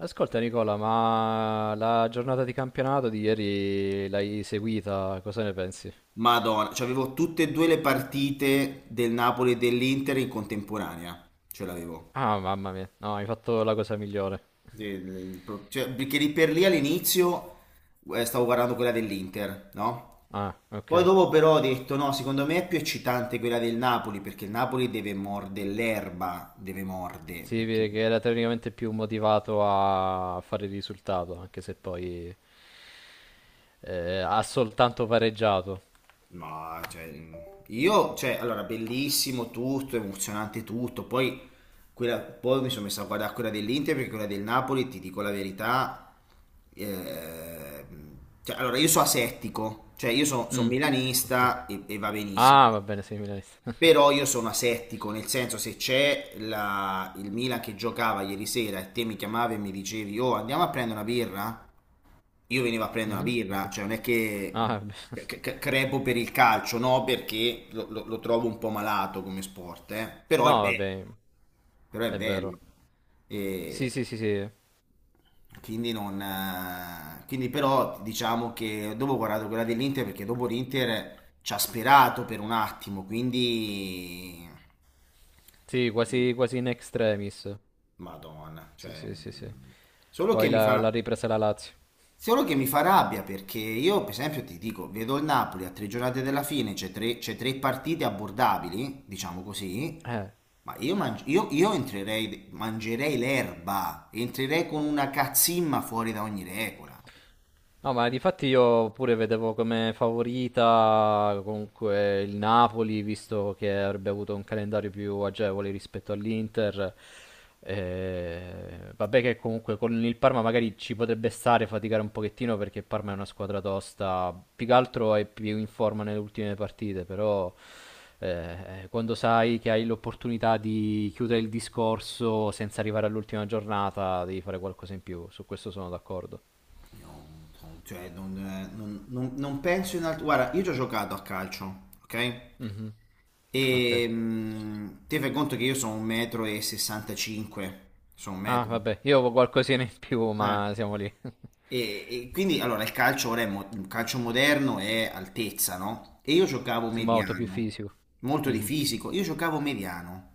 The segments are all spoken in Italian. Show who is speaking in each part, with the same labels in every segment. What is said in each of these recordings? Speaker 1: Ascolta Nicola, ma la giornata di campionato di ieri l'hai seguita, cosa ne pensi?
Speaker 2: Madonna, cioè avevo tutte e due le partite del Napoli e dell'Inter in contemporanea, ce l'avevo.
Speaker 1: Ah, mamma mia, no, hai fatto la cosa migliore.
Speaker 2: Cioè, perché lì per lì all'inizio stavo guardando quella dell'Inter, no?
Speaker 1: Ah, ok.
Speaker 2: Poi dopo però ho detto no, secondo me è più eccitante quella del Napoli perché il Napoli deve mordere l'erba, deve mordere,
Speaker 1: Si
Speaker 2: perché...
Speaker 1: vede che era teoricamente più motivato a fare il risultato, anche se poi ha soltanto pareggiato.
Speaker 2: Ma cioè, io, cioè, allora, bellissimo tutto, emozionante tutto. Poi, poi mi sono messo a guardare quella dell'Inter perché quella del Napoli, ti dico la verità. eh, cioè, allora, io sono asettico, cioè, io sono
Speaker 1: Mm, ok.
Speaker 2: milanista e va benissimo.
Speaker 1: Ah, va bene, sei milanista.
Speaker 2: Però io sono asettico, nel senso, se c'è il Milan che giocava ieri sera e te mi chiamavi e mi dicevi, oh, andiamo a prendere una birra? Io venivo a prendere una
Speaker 1: Mhm,
Speaker 2: birra,
Speaker 1: ok.
Speaker 2: cioè non è che
Speaker 1: Ah, vabbè.
Speaker 2: crepo per il calcio, no, perché lo trovo un po' malato come sport, eh. Però è
Speaker 1: No,
Speaker 2: bello,
Speaker 1: vabbè,
Speaker 2: però è
Speaker 1: è vero.
Speaker 2: bello.
Speaker 1: Sì,
Speaker 2: E
Speaker 1: sì, sì, sì.
Speaker 2: quindi non... quindi però diciamo che dopo ho guardato quella dell'Inter perché dopo l'Inter ci ha sperato per un attimo, quindi...
Speaker 1: Sì, quasi, quasi in extremis.
Speaker 2: Madonna,
Speaker 1: Sì,
Speaker 2: cioè...
Speaker 1: sì, sì, sì.
Speaker 2: Solo
Speaker 1: Poi
Speaker 2: che mi
Speaker 1: l'ha l'ha
Speaker 2: fa...
Speaker 1: ripresa la Lazio.
Speaker 2: Solo che mi fa rabbia perché io, per esempio, ti dico, vedo il Napoli a 3 giornate dalla fine, c'è tre partite abbordabili, diciamo così,
Speaker 1: Eh,
Speaker 2: ma io, io entrerei, mangerei l'erba, entrerei con una cazzimma fuori da ogni regola.
Speaker 1: No, ma difatti io pure vedevo come favorita comunque il Napoli, visto che avrebbe avuto un calendario più agevole rispetto all'Inter. Vabbè che comunque con il Parma magari ci potrebbe stare faticare un pochettino perché il Parma è una squadra tosta, più che altro è più in forma nelle ultime partite, però quando sai che hai l'opportunità di chiudere il discorso senza arrivare all'ultima giornata, devi fare qualcosa in più, su questo sono d'accordo.
Speaker 2: Io, cioè, non, non penso in altro... Guarda, io ci ho giocato a calcio, ok?
Speaker 1: Mhm. Ok.
Speaker 2: E ti fai conto che io sono un metro e 65, sono un
Speaker 1: Ah,
Speaker 2: metro.
Speaker 1: vabbè, io avevo qualcosina in più,
Speaker 2: Eh.
Speaker 1: ma siamo lì.
Speaker 2: E, e quindi allora il calcio ora è il calcio moderno è altezza, no? E io giocavo
Speaker 1: Sembra molto più
Speaker 2: mediano,
Speaker 1: fisico.
Speaker 2: molto di
Speaker 1: Mhm.
Speaker 2: fisico, io giocavo mediano.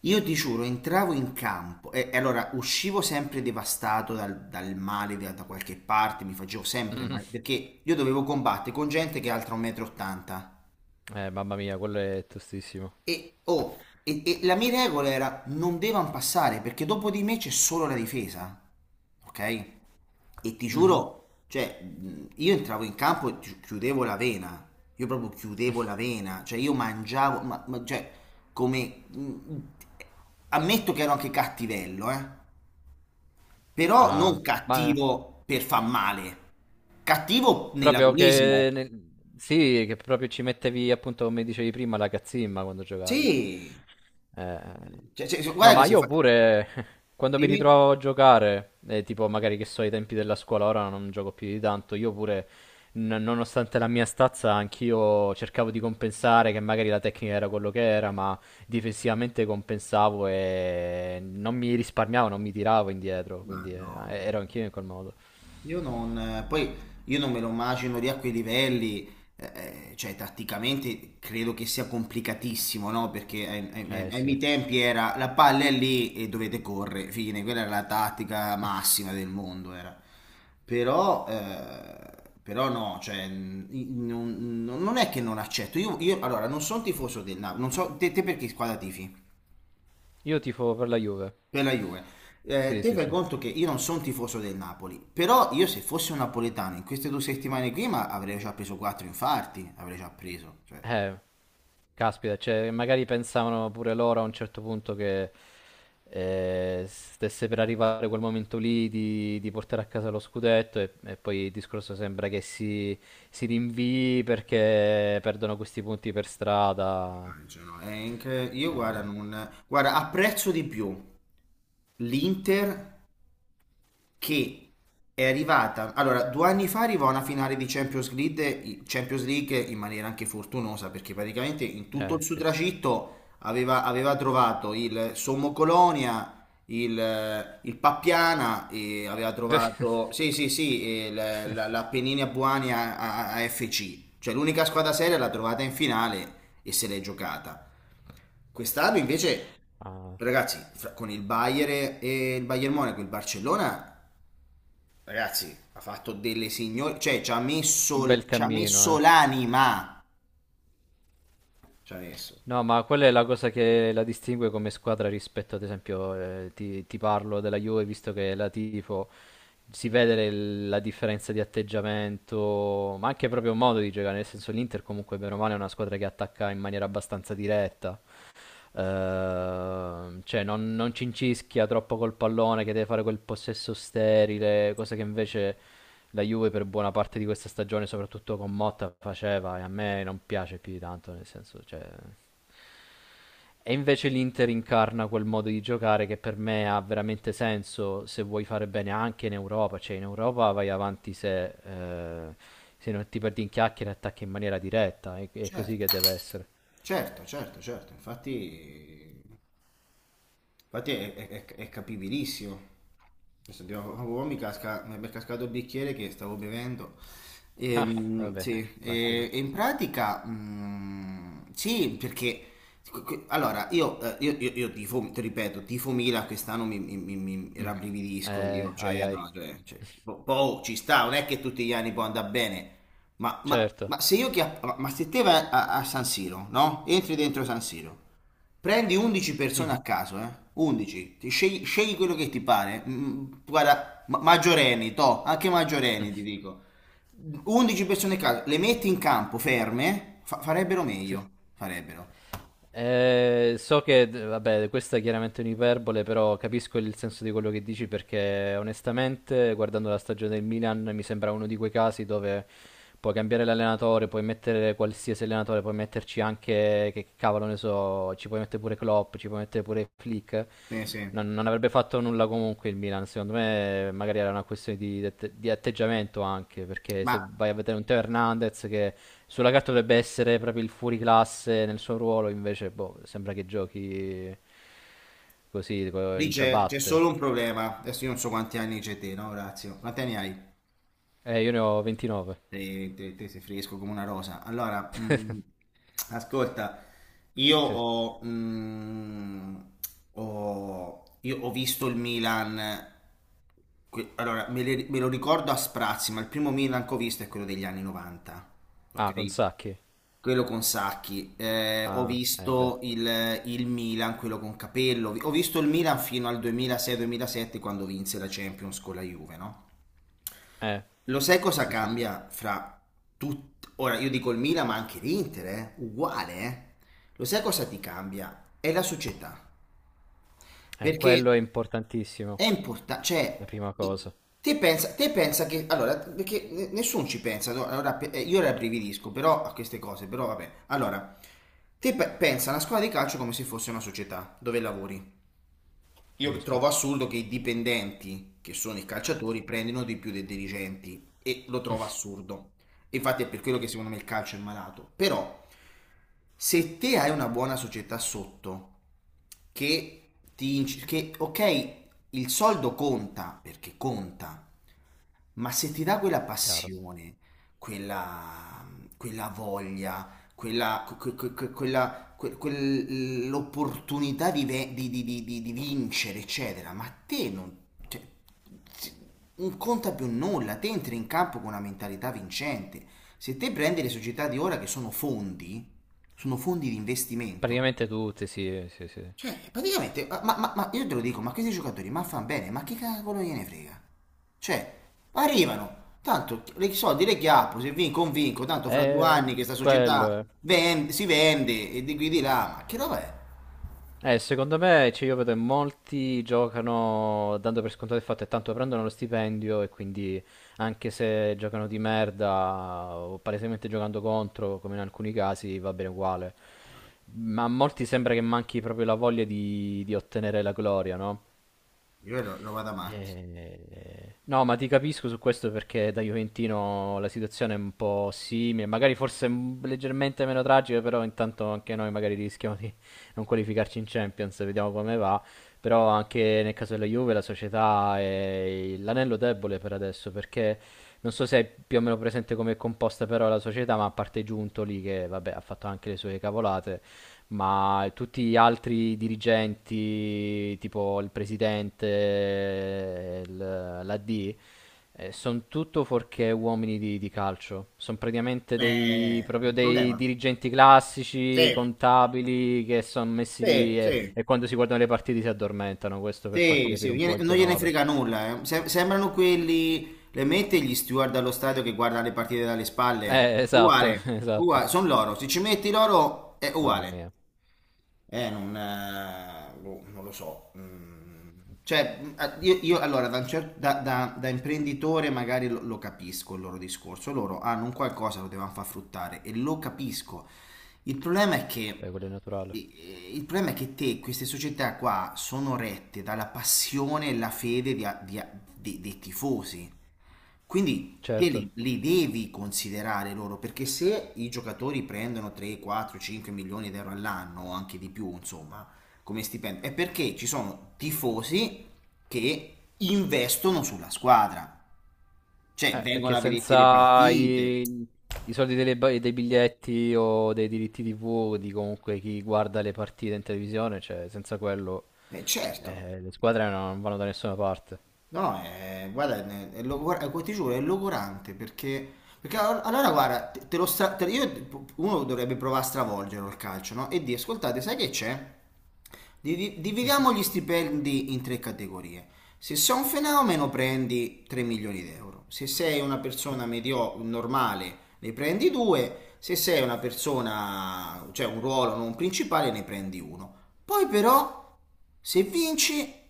Speaker 2: Io ti giuro, entravo in campo e allora uscivo sempre devastato dal male da qualche parte, mi facevo sempre
Speaker 1: Mhm.
Speaker 2: male, perché io dovevo combattere con gente che è altra 1,80 m. E, ottanta.
Speaker 1: Mamma mia, quello è tostissimo.
Speaker 2: E, oh, e la mia regola era non devono passare perché dopo di me c'è solo la difesa. Ok? E ti
Speaker 1: Mhm.
Speaker 2: giuro, cioè, io entravo in campo e chiudevo la vena, io proprio chiudevo la vena, cioè io mangiavo, cioè, come... ammetto che ero anche cattivello, eh? Però non
Speaker 1: Ah, ma
Speaker 2: cattivo per far male, cattivo
Speaker 1: proprio
Speaker 2: nell'agonismo.
Speaker 1: che... nel- Sì, che proprio ci mettevi, appunto, come dicevi prima, la cazzimma quando giocavi.
Speaker 2: Sì,
Speaker 1: Eh,
Speaker 2: cioè,
Speaker 1: No,
Speaker 2: guarda che
Speaker 1: ma
Speaker 2: si
Speaker 1: io
Speaker 2: fa...
Speaker 1: pure quando mi
Speaker 2: Dimmi?
Speaker 1: ritrovo a giocare, tipo magari che so ai tempi della scuola, ora non gioco più di tanto, io pure, n- nonostante la mia stazza, anch'io cercavo di compensare che magari la tecnica era quello che era, ma difensivamente compensavo e non mi risparmiavo, non mi tiravo indietro,
Speaker 2: Ma
Speaker 1: quindi
Speaker 2: no.
Speaker 1: ero anch'io in quel modo.
Speaker 2: Io non, poi io non me lo immagino lì a quei livelli, eh, cioè tatticamente credo che sia complicatissimo, no? Perché
Speaker 1: Eh
Speaker 2: ai
Speaker 1: sì.
Speaker 2: miei tempi era la palla è lì e dovete correre, fine, quella era la tattica massima del mondo, era. Però, però no, cioè, non, non è che non accetto, io, allora non sono tifoso del Napoli, non so, te per che squadra tifi?
Speaker 1: Io tifo per la Juve.
Speaker 2: Per la Juve.
Speaker 1: Sì,
Speaker 2: Te
Speaker 1: sì,
Speaker 2: fai
Speaker 1: sì.
Speaker 2: conto che io non sono tifoso del Napoli, però io se fossi un napoletano in queste 2 settimane qui ma avrei già preso quattro infarti, avrei già preso. Cioè,
Speaker 1: Eh, caspita, cioè, magari pensavano pure loro a un certo punto che stesse per arrivare quel momento lì di portare a casa lo scudetto e poi il discorso sembra che si rinvii perché perdono questi punti per strada.
Speaker 2: cioè, no, è io
Speaker 1: Eh
Speaker 2: guarda,
Speaker 1: no,
Speaker 2: non, guarda, apprezzo di più l'Inter che è arrivata. Allora, 2 anni fa arrivò a una finale di Champions League, Champions League in maniera anche fortunosa, perché praticamente in tutto
Speaker 1: eh
Speaker 2: il suo
Speaker 1: sì.
Speaker 2: tragitto aveva trovato il Sommo Colonia, il Pappiana, e aveva trovato, sì, sì, sì, e l'Apennina Buani a FC. Cioè, l'unica squadra seria l'ha trovata in finale e se l'è giocata. Quest'anno invece,
Speaker 1: Ah,
Speaker 2: ragazzi, con il Bayern e il Bayern Monaco, il Barcellona. Ragazzi, ha fatto delle signore, cioè
Speaker 1: un bel
Speaker 2: ci ha
Speaker 1: cammino,
Speaker 2: messo
Speaker 1: eh.
Speaker 2: l'anima. Ci ha messo.
Speaker 1: No, ma quella è la cosa che la distingue come squadra rispetto, ad esempio, ti, ti parlo della Juve, visto che la tifo, si vede le- la differenza di atteggiamento, ma anche proprio modo di giocare, nel senso l'Inter comunque bene o male è una squadra che attacca in maniera abbastanza diretta. Cioè non, non cincischia troppo col pallone che deve fare quel possesso sterile, cosa che invece la Juve per buona parte di questa stagione, soprattutto con Motta, faceva e a me non piace più di tanto, nel senso, cioè... E invece l'Inter incarna quel modo di giocare che per me ha veramente senso se vuoi fare bene anche in Europa, cioè in Europa vai avanti se, se non ti perdi in chiacchiere e attacchi in maniera diretta, è così
Speaker 2: Certo,
Speaker 1: che deve essere.
Speaker 2: certo, certo, certo. Infatti infatti è, è capibilissimo. Adesso oh, mi è cascato il bicchiere che stavo bevendo. E,
Speaker 1: Ah, vabbè,
Speaker 2: sì,
Speaker 1: tranquillo.
Speaker 2: e in pratica, sì, perché allora io, io tifo, ti ripeto, tifo Milan quest'anno mi
Speaker 1: Mm.
Speaker 2: rabbrividisco io, cioè,
Speaker 1: Ai ai.
Speaker 2: no, cioè, oh, ci sta, non è che tutti gli anni può andare bene.
Speaker 1: Certo.
Speaker 2: Ma se io chi ma se te vai a, a San Siro, no? Entri dentro San Siro. Prendi 11 persone
Speaker 1: Mhm.
Speaker 2: a caso, eh? 11, ti scegli, scegli quello che ti pare. Guarda, maggiorenni, to, anche maggiorenni ti dico. 11 persone a caso, le metti in campo ferme, farebbero
Speaker 1: Sì.
Speaker 2: meglio, farebbero.
Speaker 1: So che, d- vabbè, questa è chiaramente un'iperbole, però capisco il senso di quello che dici perché onestamente, guardando la stagione del Milan, mi sembra uno di quei casi dove puoi cambiare l'allenatore, puoi mettere qualsiasi allenatore, puoi metterci anche, che cavolo ne so, ci puoi mettere pure Klopp, ci puoi mettere pure Flick.
Speaker 2: Sì, sì.
Speaker 1: Non, non avrebbe fatto nulla comunque il Milan, secondo me magari era una questione di atte- di atteggiamento anche, perché
Speaker 2: Ma
Speaker 1: se vai a vedere un Teo Hernandez che sulla carta dovrebbe essere proprio il fuoriclasse nel suo ruolo, invece boh, sembra che giochi così co-
Speaker 2: lì
Speaker 1: in
Speaker 2: c'è
Speaker 1: ciabatte.
Speaker 2: solo un problema. Adesso io non so quanti anni c'è te, no, Orazio? Quanti anni hai?
Speaker 1: Io ne ho 29.
Speaker 2: Te sei fresco come una rosa. Allora, ascolta, io
Speaker 1: Sì.
Speaker 2: ho, io ho visto il Milan. Allora, me lo ricordo a sprazzi, ma il primo Milan che ho visto è quello degli anni 90,
Speaker 1: Ah,
Speaker 2: ok?
Speaker 1: con Sacchi.
Speaker 2: Quello con Sacchi. Ho
Speaker 1: Ah, eh beh.
Speaker 2: visto il Milan, quello con Capello. Ho visto il Milan fino al 2006-2007 quando vinse la Champions con la Juve, no?
Speaker 1: Eh,
Speaker 2: Lo sai cosa
Speaker 1: sì, sì.
Speaker 2: cambia fra tutti? Ora io dico il Milan, ma anche l'Inter, eh? Uguale. Eh. Lo sai cosa ti cambia? È la società. Perché
Speaker 1: Quello è importantissimo,
Speaker 2: è importante,
Speaker 1: la
Speaker 2: cioè,
Speaker 1: prima cosa,
Speaker 2: i- te pensa che, allora, perché nessuno ci pensa, no? Allora, io rabbrividisco però a queste cose, però vabbè. Allora, te pensa alla squadra di calcio come se fosse una società dove lavori. Io
Speaker 1: giusto?
Speaker 2: trovo assurdo che i dipendenti, che sono i calciatori, prendano di più dei dirigenti e lo trovo assurdo. Infatti è per quello che secondo me il calcio è malato. Però se te hai una buona società sotto, che ti... che ok, il soldo conta, perché conta, ma se ti dà quella
Speaker 1: Chiaro.
Speaker 2: passione, quella, quella voglia, quella, quella l'opportunità di, di vincere, eccetera, ma te non, cioè, si- non conta più nulla, te entri in campo con una mentalità vincente. Se te prendi le società di ora che sono fondi di investimento,
Speaker 1: Praticamente tutti, sì, sì, sì.
Speaker 2: cioè praticamente, ma, ma io te lo dico, ma questi giocatori, ma fanno bene, ma che cavolo gliene frega? Cioè, arrivano, tanto i soldi le chiappo, se vinco un vinco, tanto fra due
Speaker 1: Eh,
Speaker 2: anni che sta
Speaker 1: quello
Speaker 2: società
Speaker 1: è.
Speaker 2: si vende e di qui di là, ma che roba è?
Speaker 1: Secondo me, cioè, io vedo che molti giocano dando per scontato il fatto che tanto prendono lo stipendio e quindi anche se giocano di merda o palesemente giocando contro, come in alcuni casi, va bene uguale. Ma a molti sembra che manchi proprio la voglia di ottenere la gloria, no?
Speaker 2: Io lo vado avanti.
Speaker 1: No, ma ti capisco su questo perché da Juventino la situazione è un po' simile, magari forse m- leggermente meno tragica, però intanto anche noi magari rischiamo di non qualificarci in Champions, vediamo come va. Però anche nel caso della Juve la società è l'anello debole per adesso, perché non so se hai più o meno presente come è composta però la società, ma a parte Giuntoli che vabbè ha fatto anche le sue cavolate, ma tutti gli altri dirigenti, tipo il presidente, il- l'AD, sono tutto fuorché uomini di calcio. Sono praticamente dei,
Speaker 2: È
Speaker 1: proprio
Speaker 2: un
Speaker 1: dei
Speaker 2: problema.
Speaker 1: dirigenti classici,
Speaker 2: Sì,
Speaker 1: contabili, che sono messi
Speaker 2: sì,
Speaker 1: lì
Speaker 2: sì.
Speaker 1: e quando si guardano le partite si addormentano. Questo per farti
Speaker 2: Sì,
Speaker 1: capire
Speaker 2: sì,
Speaker 1: un po' il
Speaker 2: non gliene
Speaker 1: tenore.
Speaker 2: frega nulla. Eh. Sembrano quelli, le mette gli steward allo stadio che guardano le partite dalle spalle.
Speaker 1: Esatto,
Speaker 2: Uguale,
Speaker 1: esatto.
Speaker 2: uguale, sono loro. Se ci metti loro è
Speaker 1: Mamma
Speaker 2: uguale.
Speaker 1: mia,
Speaker 2: Non, boh, non lo so. Mm. Cioè, io, allora da, da imprenditore magari lo capisco il loro discorso. Loro hanno un qualcosa, lo devono far fruttare e lo capisco. Il problema è
Speaker 1: è
Speaker 2: che,
Speaker 1: quello è naturale.
Speaker 2: sì, il problema è che te, queste società qua sono rette dalla passione e la fede dei tifosi. Quindi te
Speaker 1: Certo.
Speaker 2: li devi considerare loro, perché se i giocatori prendono 3, 4, 5 milioni di euro all'anno, o anche di più, insomma, come stipendio, è perché ci sono tifosi che investono sulla squadra. Cioè, vengono
Speaker 1: Perché
Speaker 2: a vederti le
Speaker 1: senza
Speaker 2: partite.
Speaker 1: i, i soldi delle ba- dei biglietti o dei diritti TV di comunque chi guarda le partite in televisione, cioè senza quello
Speaker 2: Certo.
Speaker 1: le squadre non vanno da nessuna parte.
Speaker 2: No, è, guarda, è, ti giuro, è logorante perché, allora guarda, te lo stra- te- io- uno dovrebbe provare a stravolgere il calcio, no? E dire, ascoltate, sai che c'è? Dividiamo gli stipendi in tre categorie. Se sei un fenomeno prendi 3 milioni di euro, se sei una
Speaker 1: Sì.
Speaker 2: persona medio normale ne prendi 2, se sei una persona, cioè un ruolo non principale ne prendi uno. Poi però, se vinci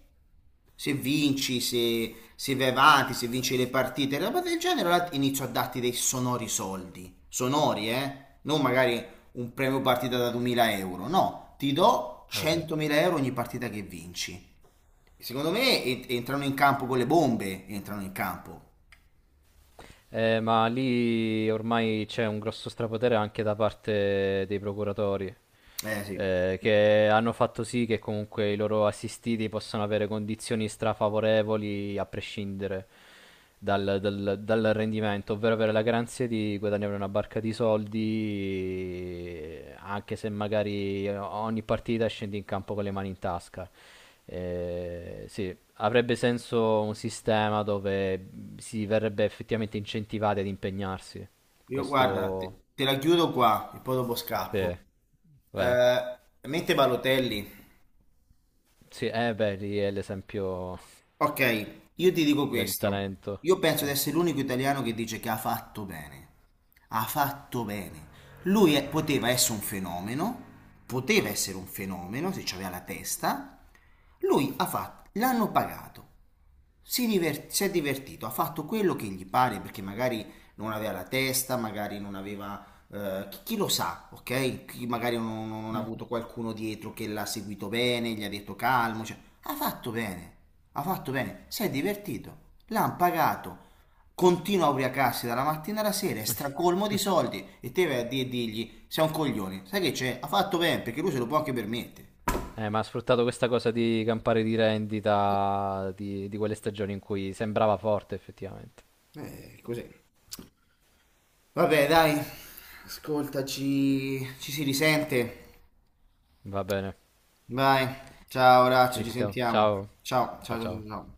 Speaker 2: se vinci, se vai avanti, se vinci le partite, roba del genere, allora inizio a darti dei sonori soldi. Sonori, eh? Non magari un premio partita da 2000 euro, no, ti do
Speaker 1: Eh beh.
Speaker 2: 100.000 euro ogni partita che vinci. Secondo me entrano in campo con le bombe, entrano in campo.
Speaker 1: Ma lì ormai c'è un grosso strapotere anche da parte dei procuratori,
Speaker 2: Eh sì,
Speaker 1: che hanno fatto sì che comunque i loro assistiti possano avere condizioni strafavorevoli a prescindere dal, dal- dal rendimento, ovvero avere la garanzia di guadagnare una barca di soldi, anche se magari ogni partita scendi in campo con le mani in tasca. Sì, avrebbe senso un sistema dove si verrebbe effettivamente incentivati ad impegnarsi.
Speaker 2: io guarda,
Speaker 1: Questo,
Speaker 2: te la chiudo qua e poi dopo scappo.
Speaker 1: sì, vai.
Speaker 2: Eh, mette Balotelli.
Speaker 1: Sì, beh, lì è l'esempio
Speaker 2: Ok, io ti dico
Speaker 1: del
Speaker 2: questo.
Speaker 1: talento.
Speaker 2: Io penso
Speaker 1: Sì.
Speaker 2: di essere l'unico italiano che dice che ha fatto bene. Ha fatto bene. Poteva essere un fenomeno, poteva essere un fenomeno se c'aveva la testa, lui ha fatto, l'hanno pagato, si è divertito, ha fatto quello che gli pare perché magari non aveva la testa, magari non aveva... chi lo sa, ok? Chi magari non, non ha
Speaker 1: Mm.
Speaker 2: avuto qualcuno dietro che l'ha seguito bene, gli ha detto calmo, cioè, ha fatto bene, ha fatto bene, si è divertito, l'hanno pagato, continua a ubriacarsi dalla mattina alla sera, è stracolmo di soldi e te vai a dirgli sei un coglione, sai che c'è? Ha fatto bene perché lui se lo può anche permettere.
Speaker 1: Ma ha sfruttato questa cosa di campare di rendita di quelle stagioni in cui sembrava forte effettivamente.
Speaker 2: Così. Vabbè, dai, ascoltaci, ci si risente.
Speaker 1: Va bene,
Speaker 2: Vai, ciao Orazio,
Speaker 1: ci
Speaker 2: ci
Speaker 1: sentiamo.
Speaker 2: sentiamo.
Speaker 1: Ciao,
Speaker 2: Ciao,
Speaker 1: ciao,
Speaker 2: ciao, ciao, ciao.
Speaker 1: ciao.
Speaker 2: Ciao.